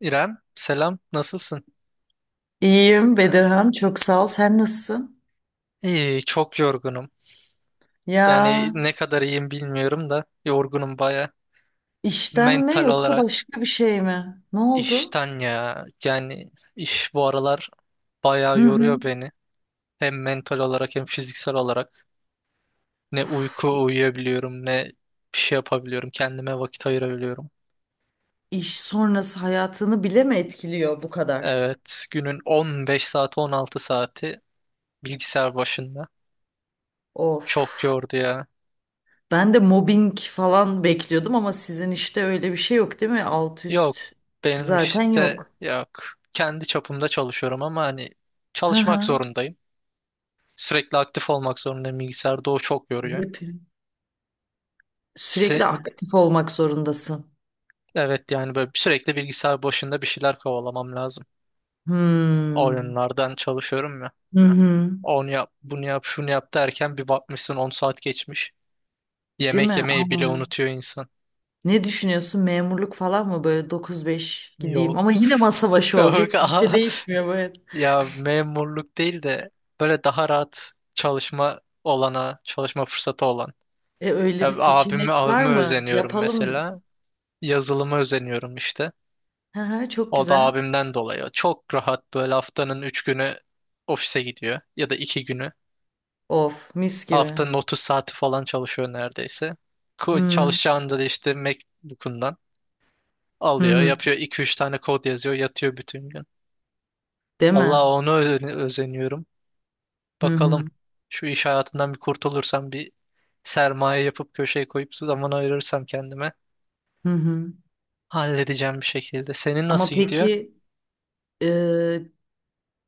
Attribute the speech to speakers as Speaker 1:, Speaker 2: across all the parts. Speaker 1: İrem, selam. Nasılsın?
Speaker 2: İyiyim Bedirhan, çok sağ ol. Sen nasılsın?
Speaker 1: İyi, çok yorgunum.
Speaker 2: Ya
Speaker 1: Yani ne kadar iyiyim bilmiyorum da yorgunum baya.
Speaker 2: işten mi
Speaker 1: Mental
Speaker 2: yoksa
Speaker 1: olarak
Speaker 2: başka bir şey mi? Ne oldu?
Speaker 1: işten ya. Yani iş bu aralar baya
Speaker 2: Hı
Speaker 1: yoruyor
Speaker 2: hı.
Speaker 1: beni. Hem mental olarak hem fiziksel olarak. Ne
Speaker 2: Uf,
Speaker 1: uyku uyuyabiliyorum ne bir şey yapabiliyorum. Kendime vakit ayırabiliyorum.
Speaker 2: iş sonrası hayatını bile mi etkiliyor bu kadar?
Speaker 1: Evet, günün 15 saati 16 saati bilgisayar başında. Çok
Speaker 2: Of.
Speaker 1: yordu ya.
Speaker 2: Ben de mobbing falan bekliyordum ama sizin işte öyle bir şey yok değil mi? Alt
Speaker 1: Yok,
Speaker 2: üst
Speaker 1: benim
Speaker 2: zaten
Speaker 1: işte
Speaker 2: yok.
Speaker 1: yok. Kendi çapımda çalışıyorum ama hani
Speaker 2: Hı
Speaker 1: çalışmak
Speaker 2: hı.
Speaker 1: zorundayım. Sürekli aktif olmak zorundayım. Bilgisayarda o çok yoruyor.
Speaker 2: Hep sürekli
Speaker 1: Se-
Speaker 2: aktif olmak zorundasın.
Speaker 1: evet, yani böyle sürekli bilgisayar başında bir şeyler kovalamam lazım.
Speaker 2: Hmm.
Speaker 1: Oyunlardan çalışıyorum ya.
Speaker 2: Hı hı.
Speaker 1: Onu yap, bunu yap, şunu yap derken bir bakmışsın 10 saat geçmiş.
Speaker 2: Değil
Speaker 1: Yemek
Speaker 2: mi?
Speaker 1: yemeyi
Speaker 2: Ama.
Speaker 1: bile unutuyor insan.
Speaker 2: Ne düşünüyorsun? Memurluk falan mı böyle 9-5 gideyim
Speaker 1: Yok.
Speaker 2: ama yine masa başı
Speaker 1: Yok.
Speaker 2: olacak bir şey
Speaker 1: Aha.
Speaker 2: değişmiyor böyle.
Speaker 1: Ya memurluk değil de böyle daha rahat çalışma fırsatı olan.
Speaker 2: E
Speaker 1: Ya
Speaker 2: öyle bir
Speaker 1: abime,
Speaker 2: seçenek var
Speaker 1: abime
Speaker 2: mı?
Speaker 1: özeniyorum
Speaker 2: Yapalım.
Speaker 1: mesela. Yazılıma özeniyorum işte.
Speaker 2: Hı hı, çok
Speaker 1: O da
Speaker 2: güzel.
Speaker 1: abimden dolayı. Çok rahat böyle haftanın 3 günü ofise gidiyor. Ya da 2 günü.
Speaker 2: Of, mis gibi.
Speaker 1: Haftanın 30 saati falan çalışıyor neredeyse.
Speaker 2: Hı
Speaker 1: Çalışacağını da işte MacBook'undan
Speaker 2: hı.
Speaker 1: alıyor.
Speaker 2: Hı.
Speaker 1: Yapıyor, iki üç tane kod yazıyor. Yatıyor bütün gün.
Speaker 2: Değil
Speaker 1: Allah
Speaker 2: mi?
Speaker 1: onu özeniyorum.
Speaker 2: Hı hı.
Speaker 1: Bakalım, şu iş hayatından bir kurtulursam, bir sermaye yapıp köşeye koyup zaman ayırırsam kendime,
Speaker 2: Hı hı.
Speaker 1: halledeceğim bir şekilde. Senin
Speaker 2: Ama
Speaker 1: nasıl gidiyor?
Speaker 2: peki, e,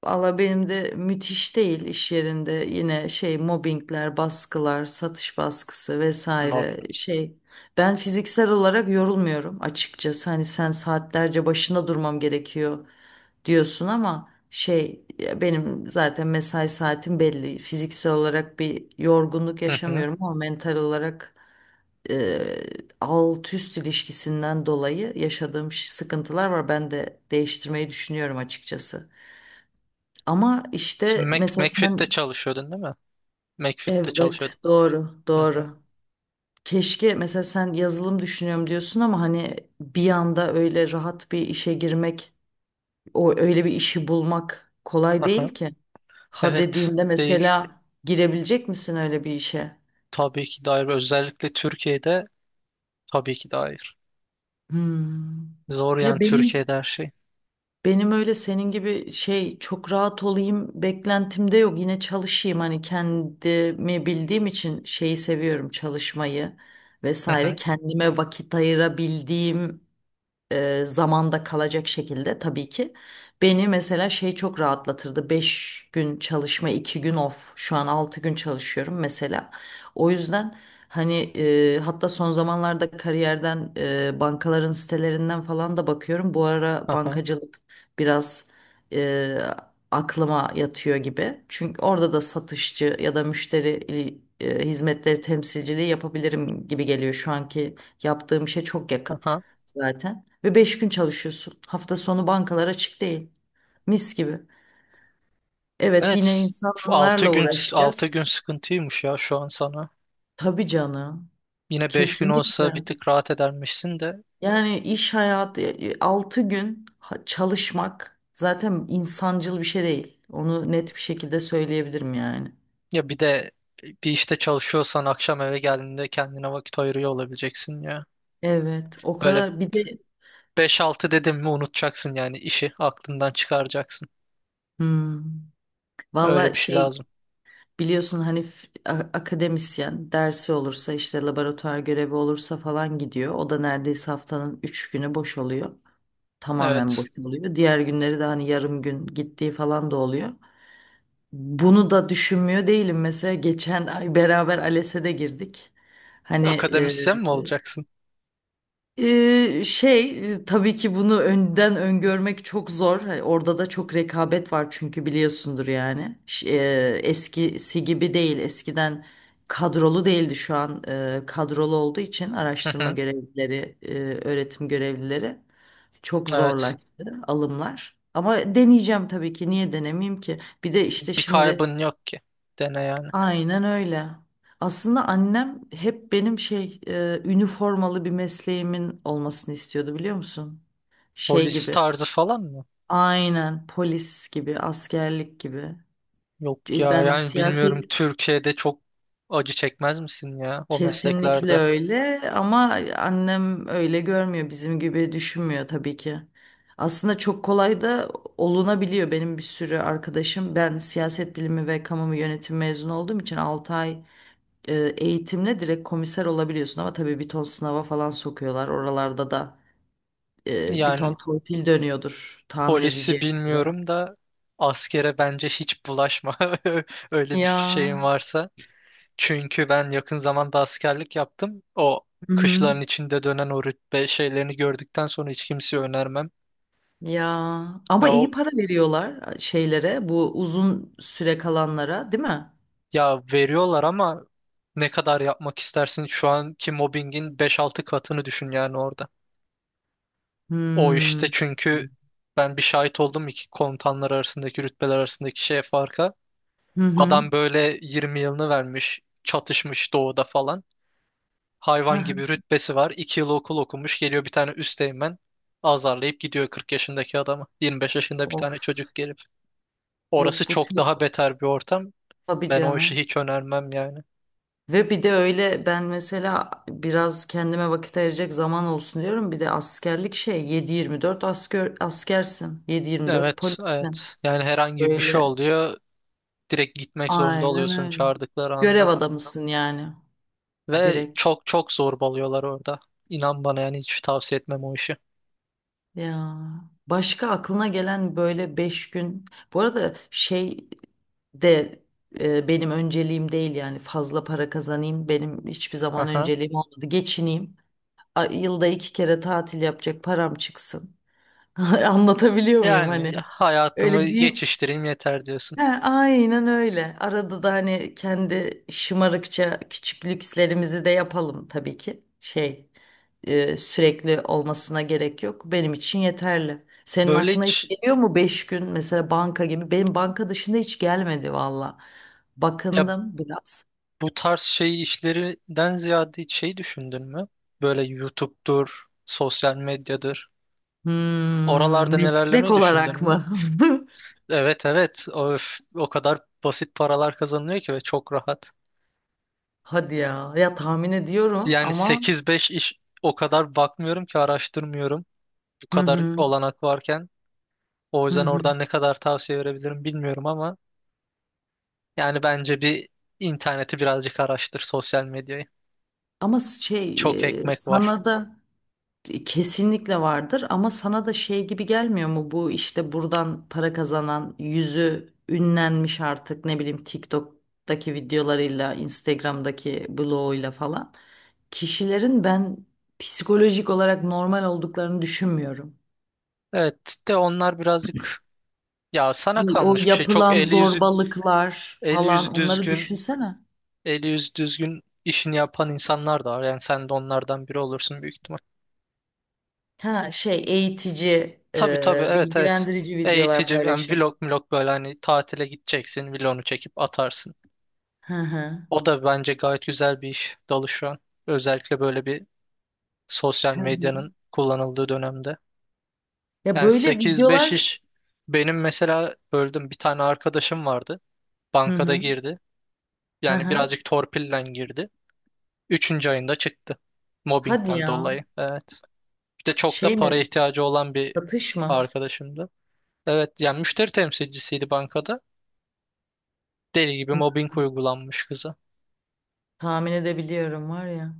Speaker 2: valla benim de müthiş değil iş yerinde yine şey mobbingler, baskılar, satış baskısı
Speaker 1: Mobbing.
Speaker 2: vesaire şey. Ben fiziksel olarak yorulmuyorum açıkçası. Hani sen saatlerce başında durmam gerekiyor diyorsun ama şey ya benim zaten mesai saatim belli. Fiziksel olarak bir yorgunluk
Speaker 1: Hı hı.
Speaker 2: yaşamıyorum ama mental olarak e, alt üst ilişkisinden dolayı yaşadığım sıkıntılar var. Ben de değiştirmeyi düşünüyorum açıkçası. Ama
Speaker 1: Sen
Speaker 2: işte mesela sen
Speaker 1: McFit'te çalışıyordun değil mi? McFit'te
Speaker 2: evet
Speaker 1: çalışıyordun.
Speaker 2: doğru
Speaker 1: Hı hı.
Speaker 2: doğru. Keşke mesela sen yazılım düşünüyorum diyorsun ama hani bir anda öyle rahat bir işe girmek, o öyle bir işi bulmak kolay değil
Speaker 1: Aha.
Speaker 2: ki. Ha
Speaker 1: Evet.
Speaker 2: dediğinde
Speaker 1: Değil.
Speaker 2: mesela girebilecek misin öyle bir işe?
Speaker 1: Tabii ki de hayır. Özellikle Türkiye'de tabii ki de hayır.
Speaker 2: Hmm.
Speaker 1: Zor yani
Speaker 2: Ya benim
Speaker 1: Türkiye'de her şey.
Speaker 2: Benim öyle senin gibi şey çok rahat olayım beklentimde yok. Yine çalışayım hani kendimi bildiğim için şeyi seviyorum çalışmayı
Speaker 1: Hı
Speaker 2: vesaire.
Speaker 1: hı.
Speaker 2: Kendime vakit ayırabildiğim zamanda kalacak şekilde tabii ki. Beni mesela şey çok rahatlatırdı. 5 gün çalışma, 2 gün off. Şu an 6 gün çalışıyorum mesela. O yüzden hani hatta son zamanlarda kariyerden bankaların sitelerinden falan da bakıyorum. Bu ara
Speaker 1: Aha.
Speaker 2: bankacılık biraz e, aklıma yatıyor gibi. Çünkü orada da satışçı ya da müşteri hizmetleri temsilciliği yapabilirim gibi geliyor. Şu anki yaptığım işe çok yakın
Speaker 1: Aha.
Speaker 2: zaten. Ve 5 gün çalışıyorsun. Hafta sonu bankalar açık değil. Mis gibi. Evet yine
Speaker 1: Evet. 6
Speaker 2: insanlarla
Speaker 1: gün 6 gün
Speaker 2: uğraşacağız.
Speaker 1: sıkıntıymış ya şu an sana.
Speaker 2: Tabii canım.
Speaker 1: Yine 5 gün olsa
Speaker 2: Kesinlikle.
Speaker 1: bir tık rahat edermişsin de.
Speaker 2: Yani iş hayatı 6 gün çalışmak zaten insancıl bir şey değil. Onu net bir şekilde söyleyebilirim yani.
Speaker 1: Ya bir de bir işte çalışıyorsan akşam eve geldiğinde kendine vakit ayırıyor olabileceksin ya.
Speaker 2: Evet, o
Speaker 1: Böyle.
Speaker 2: kadar bir de
Speaker 1: 5-6 dedim mi unutacaksın yani, işi aklından çıkaracaksın.
Speaker 2: hmm,
Speaker 1: Öyle
Speaker 2: valla
Speaker 1: bir şey
Speaker 2: şey
Speaker 1: lazım.
Speaker 2: biliyorsun hani akademisyen dersi olursa işte laboratuvar görevi olursa falan gidiyor. O da neredeyse haftanın 3 günü boş oluyor. Tamamen
Speaker 1: Evet.
Speaker 2: boş oluyor. Diğer günleri de hani yarım gün gittiği falan da oluyor. Bunu da düşünmüyor değilim. Mesela geçen ay beraber ALES'e de girdik. Hani
Speaker 1: Akademisyen mi olacaksın?
Speaker 2: şey tabii ki bunu önden öngörmek çok zor. Hani orada da çok rekabet var çünkü biliyorsundur yani. Eskisi gibi değil. Eskiden kadrolu değildi şu an kadrolu olduğu için
Speaker 1: Hı
Speaker 2: araştırma
Speaker 1: hı.
Speaker 2: görevlileri, öğretim görevlileri çok
Speaker 1: Evet.
Speaker 2: zorlaştı alımlar. Ama deneyeceğim tabii ki. Niye denemeyeyim ki? Bir de işte
Speaker 1: Bir
Speaker 2: şimdi...
Speaker 1: kaybın yok ki. Dene yani.
Speaker 2: Aynen öyle. Aslında annem hep benim şey üniformalı bir mesleğimin olmasını istiyordu biliyor musun? Şey
Speaker 1: Polis
Speaker 2: gibi.
Speaker 1: tarzı falan mı?
Speaker 2: Aynen polis gibi, askerlik gibi.
Speaker 1: Yok
Speaker 2: E,
Speaker 1: ya,
Speaker 2: Ben
Speaker 1: yani bilmiyorum,
Speaker 2: siyaset
Speaker 1: Türkiye'de çok acı çekmez misin ya o
Speaker 2: Kesinlikle
Speaker 1: mesleklerde?
Speaker 2: öyle ama annem öyle görmüyor, bizim gibi düşünmüyor tabii ki. Aslında çok kolay da olunabiliyor. Benim bir sürü arkadaşım ben siyaset bilimi ve kamu yönetimi mezunu olduğum için 6 ay eğitimle direkt komiser olabiliyorsun ama tabii bir ton sınava falan sokuyorlar. Oralarda da bir ton
Speaker 1: Yani
Speaker 2: torpil dönüyordur tahmin
Speaker 1: polisi
Speaker 2: edeceğim üzere.
Speaker 1: bilmiyorum da askere bence hiç bulaşma. Öyle bir
Speaker 2: Ya.
Speaker 1: şeyin varsa. Çünkü ben yakın zamanda askerlik yaptım. O
Speaker 2: Hı-hı.
Speaker 1: kışların içinde dönen o rütbe şeylerini gördükten sonra hiç kimseye önermem.
Speaker 2: Ya ama
Speaker 1: Ya, o,
Speaker 2: iyi para veriyorlar şeylere bu uzun süre kalanlara değil mi?
Speaker 1: Ya veriyorlar ama ne kadar yapmak istersin? Şu anki mobbingin 5-6 katını düşün yani orada. O
Speaker 2: Hmm.
Speaker 1: işte
Speaker 2: Hı
Speaker 1: çünkü ben bir şahit oldum iki komutanlar arasındaki, rütbeler arasındaki şeye farka.
Speaker 2: hı.
Speaker 1: Adam böyle 20 yılını vermiş, çatışmış doğuda falan.
Speaker 2: Hı
Speaker 1: Hayvan
Speaker 2: hı.
Speaker 1: gibi rütbesi var. 2 yıl okul okumuş. Geliyor bir tane üsteğmen, azarlayıp gidiyor 40 yaşındaki adamı. 25 yaşında bir tane
Speaker 2: Of.
Speaker 1: çocuk gelip. Orası
Speaker 2: Yok bu
Speaker 1: çok daha
Speaker 2: çok.
Speaker 1: beter bir ortam.
Speaker 2: Tabii
Speaker 1: Ben o işi
Speaker 2: canım.
Speaker 1: hiç önermem yani.
Speaker 2: Ve bir de öyle ben mesela biraz kendime vakit ayıracak zaman olsun diyorum. Bir de askerlik şey 7/24 asker, askersin. 7/24
Speaker 1: Evet,
Speaker 2: polissin.
Speaker 1: evet. Yani herhangi bir şey
Speaker 2: Böyle
Speaker 1: oluyor. Direkt gitmek zorunda
Speaker 2: aynen
Speaker 1: oluyorsun
Speaker 2: öyle.
Speaker 1: çağırdıkları
Speaker 2: Görev
Speaker 1: anda.
Speaker 2: adamısın yani
Speaker 1: Ve
Speaker 2: direkt.
Speaker 1: çok çok zorbalıyorlar orada. İnan bana, yani hiç tavsiye etmem o işi.
Speaker 2: Ya başka aklına gelen böyle 5 gün. Bu arada şey de benim önceliğim değil yani fazla para kazanayım. Benim hiçbir zaman
Speaker 1: Aha.
Speaker 2: önceliğim olmadı. Geçineyim. Yılda 2 kere tatil yapacak param çıksın. Anlatabiliyor muyum
Speaker 1: Yani
Speaker 2: hani?
Speaker 1: hayatımı
Speaker 2: Öyle büyük.
Speaker 1: geçiştireyim yeter diyorsun.
Speaker 2: He, aynen öyle. Arada da hani kendi şımarıkça küçük lükslerimizi de yapalım tabii ki. Şey sürekli olmasına gerek yok. Benim için yeterli. Senin
Speaker 1: Böyle
Speaker 2: aklına hiç
Speaker 1: hiç
Speaker 2: geliyor mu 5 gün mesela banka gibi? Benim banka dışında hiç gelmedi valla.
Speaker 1: ya.
Speaker 2: Bakındım biraz.
Speaker 1: Bu tarz şey işlerinden ziyade hiç şey düşündün mü? Böyle YouTube'dur, sosyal medyadır.
Speaker 2: Hmm,
Speaker 1: Oralarda
Speaker 2: meslek
Speaker 1: nelerlemeyi düşündün
Speaker 2: olarak
Speaker 1: mü?
Speaker 2: mı?
Speaker 1: Evet, evet. Öf, o kadar basit paralar kazanılıyor ki ve çok rahat.
Speaker 2: Hadi ya. Ya tahmin ediyorum
Speaker 1: Yani
Speaker 2: ama.
Speaker 1: 8-5 iş o kadar bakmıyorum ki, araştırmıyorum. Bu
Speaker 2: Hı
Speaker 1: kadar
Speaker 2: hı.
Speaker 1: olanak varken. O
Speaker 2: Hı
Speaker 1: yüzden
Speaker 2: hı.
Speaker 1: oradan ne kadar tavsiye verebilirim bilmiyorum ama yani bence bir, interneti birazcık araştır, sosyal medyayı.
Speaker 2: Ama şey
Speaker 1: Çok ekmek var.
Speaker 2: sana da kesinlikle vardır ama sana da şey gibi gelmiyor mu bu işte buradan para kazanan yüzü ünlenmiş artık ne bileyim TikTok'taki videolarıyla Instagram'daki bloğuyla falan kişilerin ben psikolojik olarak normal olduklarını düşünmüyorum.
Speaker 1: Evet de onlar birazcık. Ya sana
Speaker 2: Yani o
Speaker 1: kalmış bir şey. Çok
Speaker 2: yapılan
Speaker 1: eli yüzü
Speaker 2: zorbalıklar
Speaker 1: eli yüzü
Speaker 2: falan onları
Speaker 1: düzgün,
Speaker 2: düşünsene.
Speaker 1: eli yüzü düzgün işini yapan insanlar da var. Yani sen de onlardan biri olursun büyük ihtimal.
Speaker 2: Ha şey eğitici,
Speaker 1: Tabii tabii, evet evet.
Speaker 2: bilgilendirici videolar
Speaker 1: Eğitici yani
Speaker 2: paylaşan.
Speaker 1: vlog vlog böyle hani tatile gideceksin vlogunu çekip atarsın.
Speaker 2: Hı hı.
Speaker 1: O da bence gayet güzel bir iş dalı şu an. Özellikle böyle bir sosyal medyanın kullanıldığı dönemde.
Speaker 2: Ya
Speaker 1: Yani
Speaker 2: böyle
Speaker 1: sekiz beş
Speaker 2: videolar
Speaker 1: iş benim mesela böldüm bir tane arkadaşım vardı.
Speaker 2: hı
Speaker 1: Bankada
Speaker 2: hı.
Speaker 1: girdi.
Speaker 2: Hı
Speaker 1: Yani
Speaker 2: hı.
Speaker 1: birazcık torpille girdi. Üçüncü ayında çıktı.
Speaker 2: Hadi
Speaker 1: Mobbingden
Speaker 2: ya.
Speaker 1: dolayı. Evet. Bir de çok da
Speaker 2: Şey mi?
Speaker 1: para ihtiyacı olan bir
Speaker 2: Satış mı?
Speaker 1: arkadaşımdı. Evet yani müşteri temsilcisiydi bankada. Deli gibi
Speaker 2: Hı.
Speaker 1: mobbing uygulanmış kıza.
Speaker 2: Tahmin edebiliyorum var ya.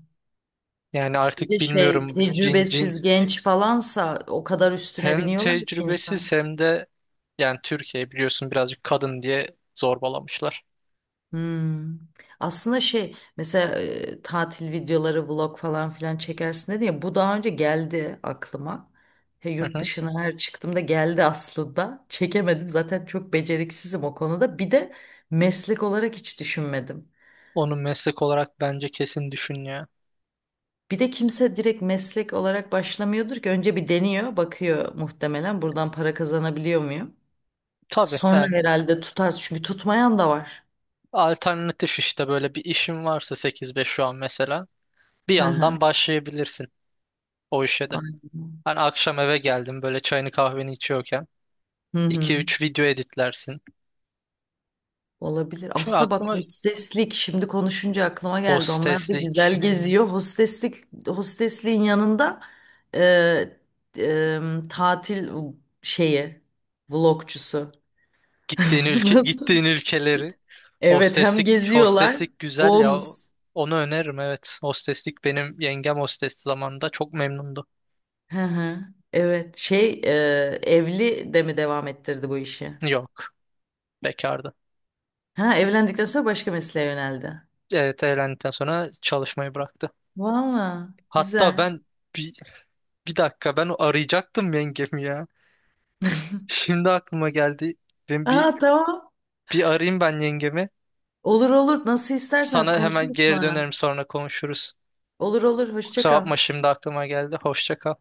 Speaker 1: Yani
Speaker 2: Bir de
Speaker 1: artık
Speaker 2: şey
Speaker 1: bilmiyorum, bu cin cin
Speaker 2: tecrübesiz genç falansa o kadar üstüne
Speaker 1: hem
Speaker 2: biniyorlar ki insan.
Speaker 1: tecrübesiz hem de yani Türkiye biliyorsun birazcık kadın diye zorbalamışlar.
Speaker 2: Hmm. Aslında şey mesela tatil videoları vlog falan filan çekersin dedi ya bu daha önce geldi aklıma. He,
Speaker 1: Hı
Speaker 2: yurt
Speaker 1: hı.
Speaker 2: dışına her çıktığımda geldi aslında. Çekemedim zaten çok beceriksizim o konuda. Bir de meslek olarak hiç düşünmedim.
Speaker 1: Onu meslek olarak bence kesin düşün ya.
Speaker 2: Bir de kimse direkt meslek olarak başlamıyordur ki önce bir deniyor, bakıyor muhtemelen buradan para kazanabiliyor muyum?
Speaker 1: Tabii yani,
Speaker 2: Sonra herhalde tutarız çünkü tutmayan da var.
Speaker 1: alternatif işte böyle bir işin varsa 8-5 şu an mesela, bir
Speaker 2: Hı hı.
Speaker 1: yandan başlayabilirsin o işe de.
Speaker 2: Aynen.
Speaker 1: Hani akşam eve geldim böyle çayını kahveni içiyorken
Speaker 2: Hı
Speaker 1: iki
Speaker 2: hı.
Speaker 1: üç video editlersin.
Speaker 2: Olabilir.
Speaker 1: Şimdi
Speaker 2: Aslında bak
Speaker 1: aklıma
Speaker 2: hosteslik şimdi konuşunca aklıma geldi. Onlar da
Speaker 1: hosteslik,
Speaker 2: güzel geziyor. Hosteslik hostesliğin yanında e, e, tatil şeyi vlogcusu. Nasıl?
Speaker 1: gittiğin ülkeleri,
Speaker 2: Evet hem
Speaker 1: hosteslik
Speaker 2: geziyorlar
Speaker 1: hosteslik güzel ya.
Speaker 2: bonus.
Speaker 1: Onu öneririm, evet. Hosteslik, benim yengem hostesti zamanında, çok memnundu.
Speaker 2: Hı hı. Evet. Şey evli de mi devam ettirdi bu işi?
Speaker 1: Yok, bekardı.
Speaker 2: Ha evlendikten sonra başka mesleğe yöneldi.
Speaker 1: Evet, evlendikten sonra çalışmayı bıraktı.
Speaker 2: Valla
Speaker 1: Hatta
Speaker 2: güzel.
Speaker 1: ben bir, bir dakika, ben arayacaktım yengemi ya. Şimdi aklıma geldi. Ben bir
Speaker 2: Aa tamam.
Speaker 1: bir arayayım ben yengemi.
Speaker 2: Olur olur. Nasıl isterseniz
Speaker 1: Sana hemen
Speaker 2: konuşuruz
Speaker 1: geri
Speaker 2: sonra.
Speaker 1: dönerim, sonra konuşuruz.
Speaker 2: Olur olur. Hoşça
Speaker 1: Kusura
Speaker 2: kal.
Speaker 1: bakma, şimdi aklıma geldi. Hoşça kal.